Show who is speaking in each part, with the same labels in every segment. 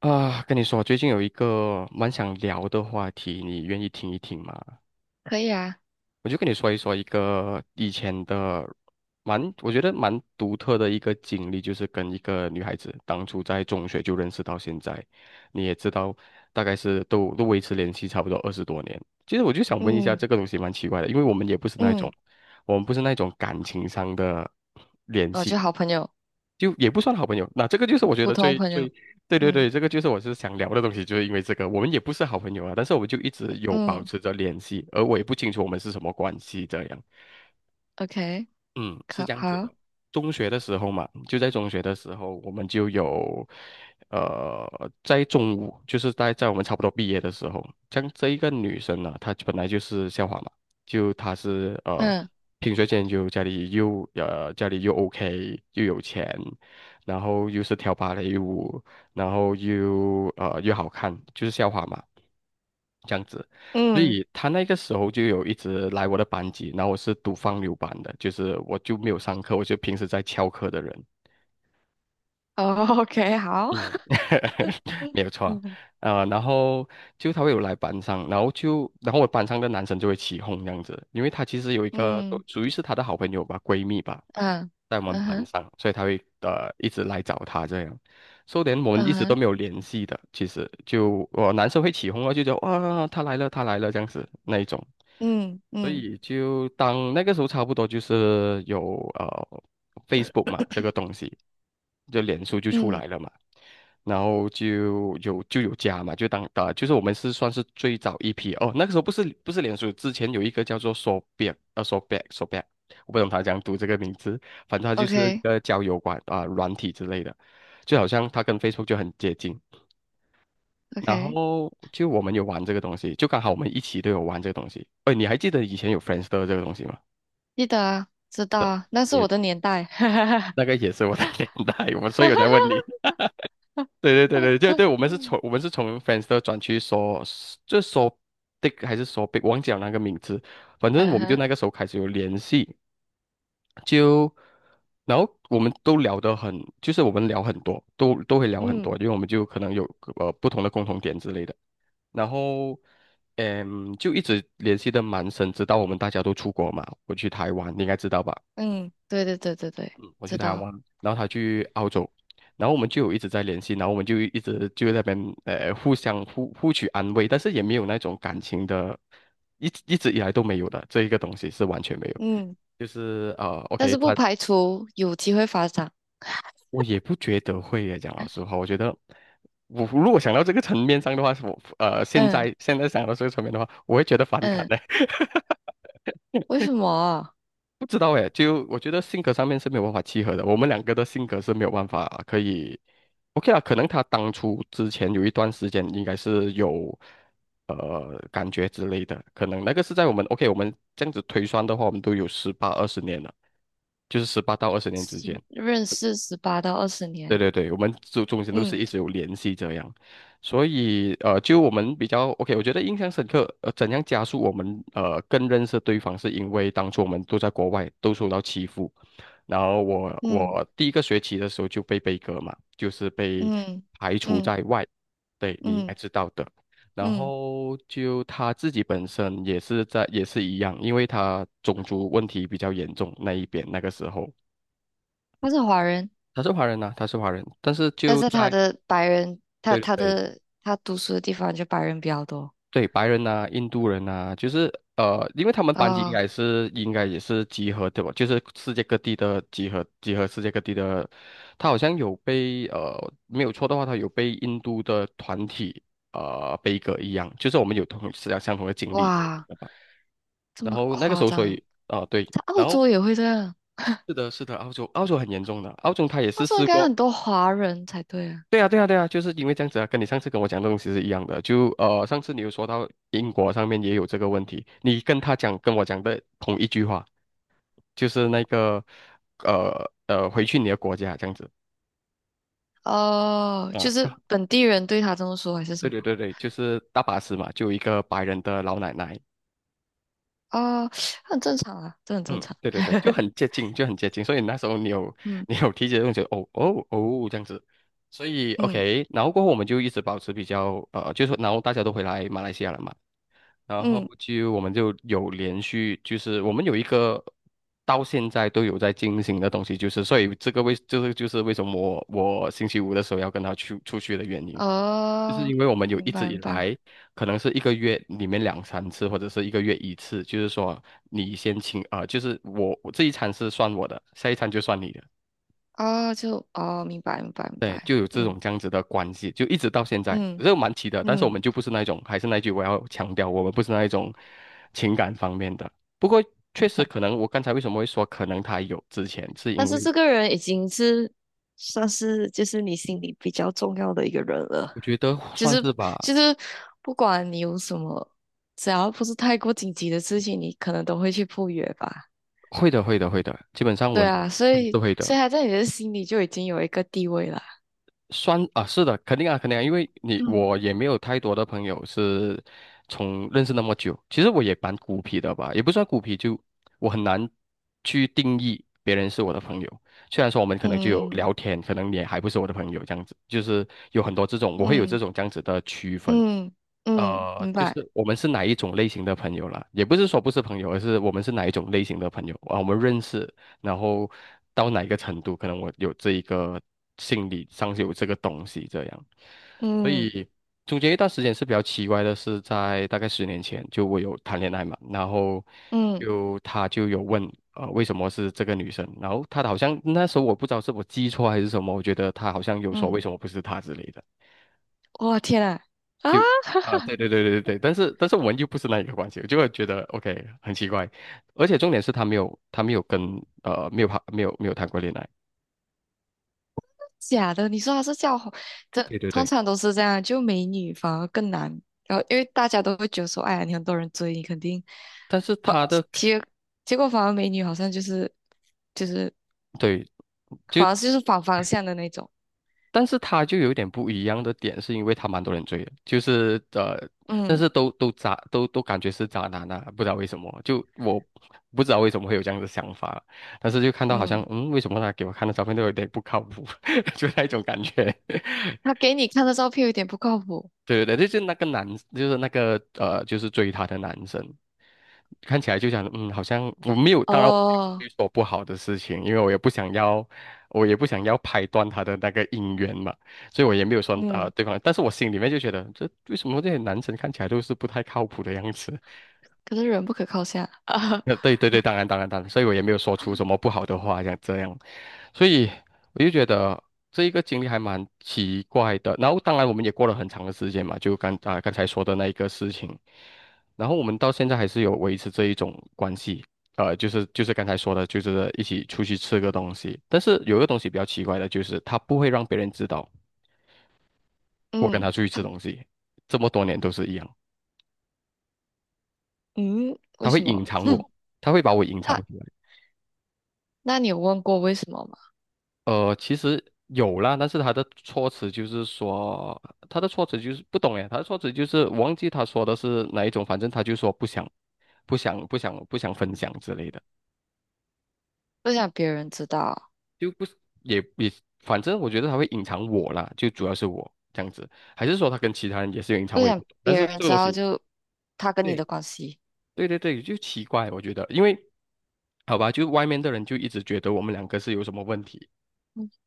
Speaker 1: 啊，跟你说，最近有一个蛮想聊的话题，你愿意听一听吗？
Speaker 2: 可以啊，
Speaker 1: 我就跟你说一说一个以前的蛮，我觉得蛮独特的一个经历，就是跟一个女孩子当初在中学就认识到现在，你也知道，大概是都维持联系差不多20多年。其实我就想问一下，
Speaker 2: 嗯
Speaker 1: 这个东西蛮奇怪的，因为我们也不是那种，
Speaker 2: 嗯
Speaker 1: 我们不是那种感情上的联
Speaker 2: 哦，
Speaker 1: 系，
Speaker 2: 就好朋友，
Speaker 1: 就也不算好朋友。那这个就是我觉
Speaker 2: 普
Speaker 1: 得
Speaker 2: 通
Speaker 1: 最
Speaker 2: 朋友。
Speaker 1: 最对对
Speaker 2: 嗯
Speaker 1: 对，这个就是我是想聊的东西，就是因为这个，我们也不是好朋友啊，但是我们就一直有保
Speaker 2: 嗯
Speaker 1: 持着联系，而我也不清楚我们是什么关系这样。
Speaker 2: ，OK，
Speaker 1: 嗯，是
Speaker 2: 可
Speaker 1: 这样子
Speaker 2: 好，
Speaker 1: 的。中学的时候嘛，就在中学的时候，我们就有，呃，在中午，就是在我们差不多毕业的时候，像这一个女生呢，她本来就是校花嘛，就她是
Speaker 2: 嗯，
Speaker 1: 品学兼优，家里又OK，又有钱，然后又是跳芭蕾舞，然后又好看，就是校花嘛，这样子。所
Speaker 2: 嗯，
Speaker 1: 以他那个时候就有一直来我的班级，然后我是读放牛班的，就是我就没有上课，我就平时在翘课的人。
Speaker 2: 哦，OK，好，
Speaker 1: 嗯，没有错，
Speaker 2: 嗯
Speaker 1: 啊，然后就他会有来班上，然后就然后我班上的男生就会起哄这样子，因为他其实有一个属
Speaker 2: 嗯
Speaker 1: 属于是他的好朋友吧，闺蜜吧，
Speaker 2: 嗯
Speaker 1: 在我们
Speaker 2: 嗯
Speaker 1: 班
Speaker 2: 哼
Speaker 1: 上，所以他会一直来找他这样，说连我们一直
Speaker 2: 嗯
Speaker 1: 都
Speaker 2: 哼
Speaker 1: 没有联系的，其实就我、男生会起哄啊，就觉得哇他来了他来了这样子那一种。
Speaker 2: 嗯
Speaker 1: 所
Speaker 2: 嗯
Speaker 1: 以就当那个时候差不多就是有Facebook 嘛这个东西，就脸书就出
Speaker 2: 嗯
Speaker 1: 来了嘛，然后就有加嘛，就当就是我们是算是最早一批哦，那个时候不是脸书，之前有一个叫做 Sobek， 我不懂他怎样读这个名字，反正他就是一
Speaker 2: ，OK
Speaker 1: 个交友馆啊、软体之类的，就好像它跟 Facebook 就很接近，然
Speaker 2: OK，
Speaker 1: 后就我们有玩这个东西，就刚好我们一起都有玩这个东西。哎，你还记得以前有 f r i e n d s t 这个东西吗？
Speaker 2: 记得啊，知道
Speaker 1: 对，
Speaker 2: 啊，那是
Speaker 1: 也
Speaker 2: 我的年代。哈
Speaker 1: 那个也是我的 年代，我所
Speaker 2: 哈
Speaker 1: 以我
Speaker 2: 哈
Speaker 1: 在问你。对对对
Speaker 2: 哈
Speaker 1: 对对对，我们是从我
Speaker 2: 哈
Speaker 1: 们是从 f r i e n d s t 转去说，就说 Dick 还是说 Big，忘记了那个名字。反正我
Speaker 2: 嗯
Speaker 1: 们就
Speaker 2: 哼，
Speaker 1: 那个时候开始有联系，就然后我们都聊得很，就是我们聊很多，都会聊很多，
Speaker 2: 嗯
Speaker 1: 因为我们就可能有不同的共同点之类的。然后，嗯，就一直联系的蛮深，直到我们大家都出国嘛，我去台湾，你应该知道吧？
Speaker 2: 嗯对对对对对，
Speaker 1: 嗯，我去
Speaker 2: 知
Speaker 1: 台
Speaker 2: 道，
Speaker 1: 湾，然后他去澳洲，然后我们就有一直在联系，然后我们就一直就在那边互相取安慰，但是也没有那种感情的，一直一直以来都没有的，这一个东西是完全没有。
Speaker 2: 嗯
Speaker 1: 就是
Speaker 2: 但
Speaker 1: OK，
Speaker 2: 是不
Speaker 1: 他
Speaker 2: 排除有机会发展。
Speaker 1: 我也不觉得会耶，讲老实话，我觉得我如果想到这个层面上的话，我现
Speaker 2: 嗯
Speaker 1: 在现在想到这个层面的话，我会觉得反感
Speaker 2: 嗯，
Speaker 1: 的。
Speaker 2: 为什么？
Speaker 1: 不知道诶，就我觉得性格上面是没有办法契合的，我们两个的性格是没有办法可以，OK 啊，可能他当初之前有一段时间应该是有感觉之类的，可能那个是在我们 OK 我们这样子推算的话，我们都有十八二十年了，就是18到20年之间。
Speaker 2: 十认识十八到二十
Speaker 1: 对
Speaker 2: 年，
Speaker 1: 对对，我们中间都是
Speaker 2: 嗯
Speaker 1: 一直有联系这样，所以就我们比较 OK，我觉得印象深刻。怎样加速我们更认识对方，是因为当初我们都在国外都受到欺负，然后我
Speaker 2: 嗯
Speaker 1: 我第一个学期的时候就被歌嘛，就是被
Speaker 2: 嗯
Speaker 1: 排除
Speaker 2: 嗯
Speaker 1: 在外，对你应该
Speaker 2: 嗯
Speaker 1: 知道的。然
Speaker 2: 嗯，
Speaker 1: 后就他自己本身也是一样，因为他种族问题比较严重那一边那个时候。
Speaker 2: 他是华人，
Speaker 1: 他是华人，但是
Speaker 2: 但
Speaker 1: 就
Speaker 2: 是他
Speaker 1: 在
Speaker 2: 的白人，
Speaker 1: 对对
Speaker 2: 他读书的地方就白人比较多
Speaker 1: 对，白人呐、印度人呐、就是因为他们班级
Speaker 2: 啊，
Speaker 1: 应该也是集合对吧？就是世界各地的集合，集合世界各地的。他好像有被没有错的话，他有被印度的团体悲歌一样，就是我们有同是相同的经历这
Speaker 2: 哇，
Speaker 1: 样
Speaker 2: 这
Speaker 1: 然
Speaker 2: 么
Speaker 1: 后那个
Speaker 2: 夸
Speaker 1: 时候，所
Speaker 2: 张，
Speaker 1: 以对，
Speaker 2: 在澳
Speaker 1: 然后
Speaker 2: 洲也会这样，
Speaker 1: 是的，是的，澳洲很严重的，澳洲他也
Speaker 2: 澳
Speaker 1: 是
Speaker 2: 洲应
Speaker 1: 试
Speaker 2: 该
Speaker 1: 过。
Speaker 2: 很多华人才对啊，
Speaker 1: 对啊，对啊，对啊，就是因为这样子啊，跟你上次跟我讲的东西是一样的。就上次你有说到英国上面也有这个问题，你跟他讲跟我讲的同一句话，就是那个回去你的国家这样子
Speaker 2: 哦，
Speaker 1: 啊。
Speaker 2: 就是本地人对他这么说还是什
Speaker 1: 对
Speaker 2: 么？
Speaker 1: 对对对，就是大巴士嘛，就有一个白人的老奶奶，
Speaker 2: 哦，很正常啊，这很正
Speaker 1: 嗯，
Speaker 2: 常，
Speaker 1: 对 对对，就很接近，就很接近。所以那时候你有
Speaker 2: 嗯
Speaker 1: 你有提起这种觉得哦哦哦这样子，所以
Speaker 2: 嗯
Speaker 1: OK，然后过后我们就一直保持比较就是说然后大家都回来马来西亚了嘛。然后
Speaker 2: 嗯。
Speaker 1: 就我们就有连续，就是我们有一个到现在都有在进行的东西，就是所以这个为这个就是为什么我星期五的时候要跟他去出去的原因，就是
Speaker 2: 哦，
Speaker 1: 因为我们有一
Speaker 2: 明
Speaker 1: 直
Speaker 2: 白
Speaker 1: 以
Speaker 2: 明白，
Speaker 1: 来可能是一个月里面两三次，或者是一个月一次，就是说你先请啊，就是我这一餐是算我的，下一餐就算你的。
Speaker 2: 哦，就哦，明白明白明
Speaker 1: 对，
Speaker 2: 白，
Speaker 1: 就有这
Speaker 2: 嗯
Speaker 1: 种这样子的关系，就一直到现在，
Speaker 2: 嗯
Speaker 1: 这个蛮奇的。但是我
Speaker 2: 嗯，
Speaker 1: 们就不是那一种，还是那句我要强调，我们不是那一种情感方面的。不过确实可能，我刚才为什么会说可能他有之前，是
Speaker 2: 但
Speaker 1: 因
Speaker 2: 是
Speaker 1: 为
Speaker 2: 这个人已经是算是就是你心里比较重要的一个人了，
Speaker 1: 我觉得
Speaker 2: 就
Speaker 1: 算
Speaker 2: 是
Speaker 1: 是吧，
Speaker 2: 就是不管你有什么，只要不是太过紧急的事情，你可能都会去赴约吧。
Speaker 1: 会的，会的，会的，基本上我
Speaker 2: 对
Speaker 1: 们都
Speaker 2: 啊，所
Speaker 1: 会
Speaker 2: 以
Speaker 1: 是会的。
Speaker 2: 所以他在你的心里就已经有一个地位了。
Speaker 1: 算啊，是的，肯定啊，肯定啊，因为你
Speaker 2: 嗯
Speaker 1: 我也没有太多的朋友是从认识那么久，其实我也蛮孤僻的吧，也不算孤僻，就我很难去定义别人是我的朋友。虽然说我们可能就有
Speaker 2: 嗯
Speaker 1: 聊天，可能你还不是我的朋友这样子，就是有很多这种，我会有这
Speaker 2: 嗯
Speaker 1: 种这样子的区分。
Speaker 2: 嗯嗯，明
Speaker 1: 就
Speaker 2: 白，
Speaker 1: 是我们是哪一种类型的朋友啦，也不是说不是朋友，而是我们是哪一种类型的朋友啊，我们认识，然后到哪一个程度，可能我有这一个心理上是有这个东西这样，所
Speaker 2: 嗯
Speaker 1: 以中间一段时间是比较奇怪的，是在大概10年前，就我有谈恋爱嘛，然后
Speaker 2: 嗯
Speaker 1: 就他就有问，为什么是这个女生，然后他好像那时候我不知道是我记错还是什么，我觉得他好像有说
Speaker 2: 嗯。
Speaker 1: 为什么不是他之类的。
Speaker 2: 哇天呐！啊，
Speaker 1: 就
Speaker 2: 哈哈，
Speaker 1: 对对对对对，但是我们又不是那一个关系，我就会觉得 OK 很奇怪，而且重点是他没有跟没有谈没有谈过恋爱。
Speaker 2: 假的！你说他是叫红，这
Speaker 1: 对对
Speaker 2: 通
Speaker 1: 对，
Speaker 2: 常都是这样，就美女反而更难。然后因为大家都会觉得说，哎呀，你很多人追你，肯定
Speaker 1: 但是
Speaker 2: 反
Speaker 1: 他的
Speaker 2: 结结果反而美女好像就是
Speaker 1: 对就
Speaker 2: 反而就是反方向的那种。
Speaker 1: 但是他就有点不一样的点，是因为他蛮多人追的，就是但
Speaker 2: 嗯
Speaker 1: 是都渣感觉是渣男啊，不知道为什么，不知道为什么会有这样的想法，但是就看到好像
Speaker 2: 嗯，
Speaker 1: 嗯，为什么他给我看的照片都有点不靠谱，就那一种感觉，
Speaker 2: 他 给你看的照片有点不靠谱
Speaker 1: 对对对，就是那个男，就是那个就是追她的男生，看起来就想，嗯，好像我没有，当然我没有
Speaker 2: 哦。
Speaker 1: 去做不好的事情，因为我也不想要，我也不想要拍断他的那个姻缘嘛，所以我也没有说啊、
Speaker 2: 嗯，
Speaker 1: 对方，但是我心里面就觉得，这为什么这些男生看起来都是不太靠谱的样子？
Speaker 2: 可是人不可靠下。
Speaker 1: 对 对对，当然当然当然，所以我也没有说出什么不好的话，像这样，所以我就觉得这一个经历还蛮奇怪的。然后当然我们也过了很长的时间嘛，就刚啊、刚才说的那一个事情，然后我们到现在还是有维持这一种关系。就是刚才说的，就是一起出去吃个东西。但是有一个东西比较奇怪的就是，他不会让别人知道我跟
Speaker 2: 嗯
Speaker 1: 他出去吃东西，这么多年都是一样，
Speaker 2: 嗯，为
Speaker 1: 他会
Speaker 2: 什么？
Speaker 1: 隐藏我，他会把我隐藏起
Speaker 2: 那
Speaker 1: 来。
Speaker 2: 那你有问过为什么吗？
Speaker 1: 其实有啦，但是他的措辞就是不懂诶，他的措辞就是我忘记他说的是哪一种，反正他就说不想，不想，不想，不想分享之类的，
Speaker 2: 不想别人知道。
Speaker 1: 就不是也也，反正我觉得他会隐藏我啦，就主要是我这样子，还是说他跟其他人也是有隐藏，
Speaker 2: 不
Speaker 1: 我也不
Speaker 2: 想
Speaker 1: 懂，但
Speaker 2: 别
Speaker 1: 是
Speaker 2: 人
Speaker 1: 这个
Speaker 2: 知
Speaker 1: 东
Speaker 2: 道
Speaker 1: 西，
Speaker 2: 就他跟你
Speaker 1: 对
Speaker 2: 的关系，
Speaker 1: 对对对，就奇怪，我觉得，因为好吧，就外面的人就一直觉得我们两个是有什么问题。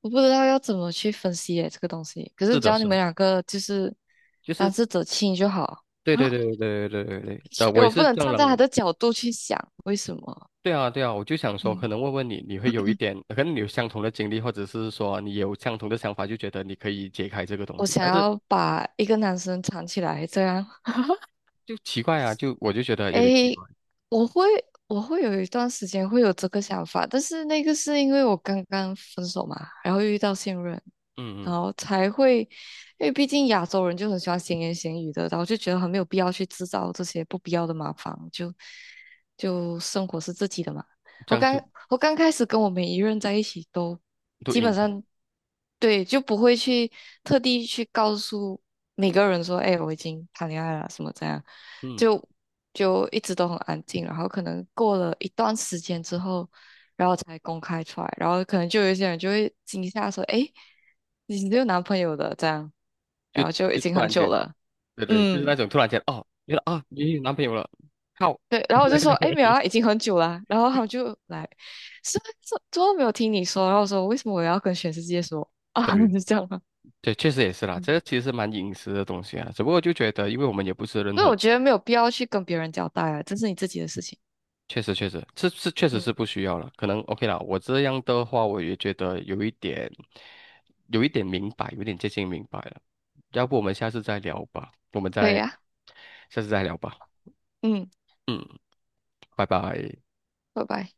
Speaker 2: 我不知道要怎么去分析耶这个东西。可是
Speaker 1: 是
Speaker 2: 只
Speaker 1: 的，
Speaker 2: 要你
Speaker 1: 是的
Speaker 2: 们两个就是
Speaker 1: 就
Speaker 2: 当
Speaker 1: 是。
Speaker 2: 事者清就好，
Speaker 1: 对对对 对对对对，对，
Speaker 2: 因
Speaker 1: 我
Speaker 2: 为
Speaker 1: 也
Speaker 2: 我不
Speaker 1: 是
Speaker 2: 能
Speaker 1: 这样
Speaker 2: 站在
Speaker 1: 认
Speaker 2: 他
Speaker 1: 为。
Speaker 2: 的角度去想为什么，
Speaker 1: 对啊，对啊，我就想说，可
Speaker 2: 嗯，
Speaker 1: 能问问你，你会有一点，可能你有相同的经历，或者是说你有相同的想法，就觉得你可以解开这个东
Speaker 2: 我
Speaker 1: 西，
Speaker 2: 想
Speaker 1: 但是
Speaker 2: 要把一个男生藏起来这样。
Speaker 1: 就奇怪啊，就我就觉得有点奇
Speaker 2: 诶，
Speaker 1: 怪。
Speaker 2: 我会我会有一段时间会有这个想法，但是那个是因为我刚刚分手嘛，然后又遇到现任，
Speaker 1: 嗯
Speaker 2: 然
Speaker 1: 嗯，
Speaker 2: 后才会，因为毕竟亚洲人就很喜欢闲言闲语的，然后就觉得很没有必要去制造这些不必要的麻烦，就生活是自己的嘛。
Speaker 1: 这
Speaker 2: 我
Speaker 1: 样
Speaker 2: 刚
Speaker 1: 就
Speaker 2: 我刚开始跟我每一任在一起都
Speaker 1: 都
Speaker 2: 基本
Speaker 1: 硬。
Speaker 2: 上对，就不会去特地去告诉每个人说，哎，我已经谈恋爱了，什么这样，
Speaker 1: 嗯，
Speaker 2: 就就一直都很安静，然后可能过了一段时间之后，然后才公开出来，然后可能就有一些人就会惊吓说，哎，你有男朋友的这样，
Speaker 1: 就
Speaker 2: 然后就已
Speaker 1: 就
Speaker 2: 经
Speaker 1: 突
Speaker 2: 很
Speaker 1: 然
Speaker 2: 久
Speaker 1: 间，
Speaker 2: 了，
Speaker 1: 对对，就是
Speaker 2: 嗯。
Speaker 1: 那种突然间，哦，原来啊，你有男朋友了，靠，
Speaker 2: 对，然后我就说，哎，没有啊，已经很久了啊。然后他们就来，是是，怎么没有听你说？然后我说，为什么我要跟全世界说啊？你
Speaker 1: 对
Speaker 2: 是这样啊。
Speaker 1: 对，确实也是啦，这
Speaker 2: 嗯。
Speaker 1: 个其实蛮隐私的东西啊，只不过就觉得，因为我们也不是任
Speaker 2: 所以
Speaker 1: 何。
Speaker 2: 我觉得没有必要去跟别人交代啊，这是你自己的事情。
Speaker 1: 确实确实，这是确实
Speaker 2: 嗯，
Speaker 1: 是不需要了。可能 OK 啦，我这样的话，我也觉得有一点，有一点明白，有一点接近明白了。要不我们下次再聊吧，我们
Speaker 2: 可以
Speaker 1: 再
Speaker 2: 啊，
Speaker 1: 下次再聊吧。
Speaker 2: 嗯，
Speaker 1: 嗯，拜拜。
Speaker 2: 拜拜。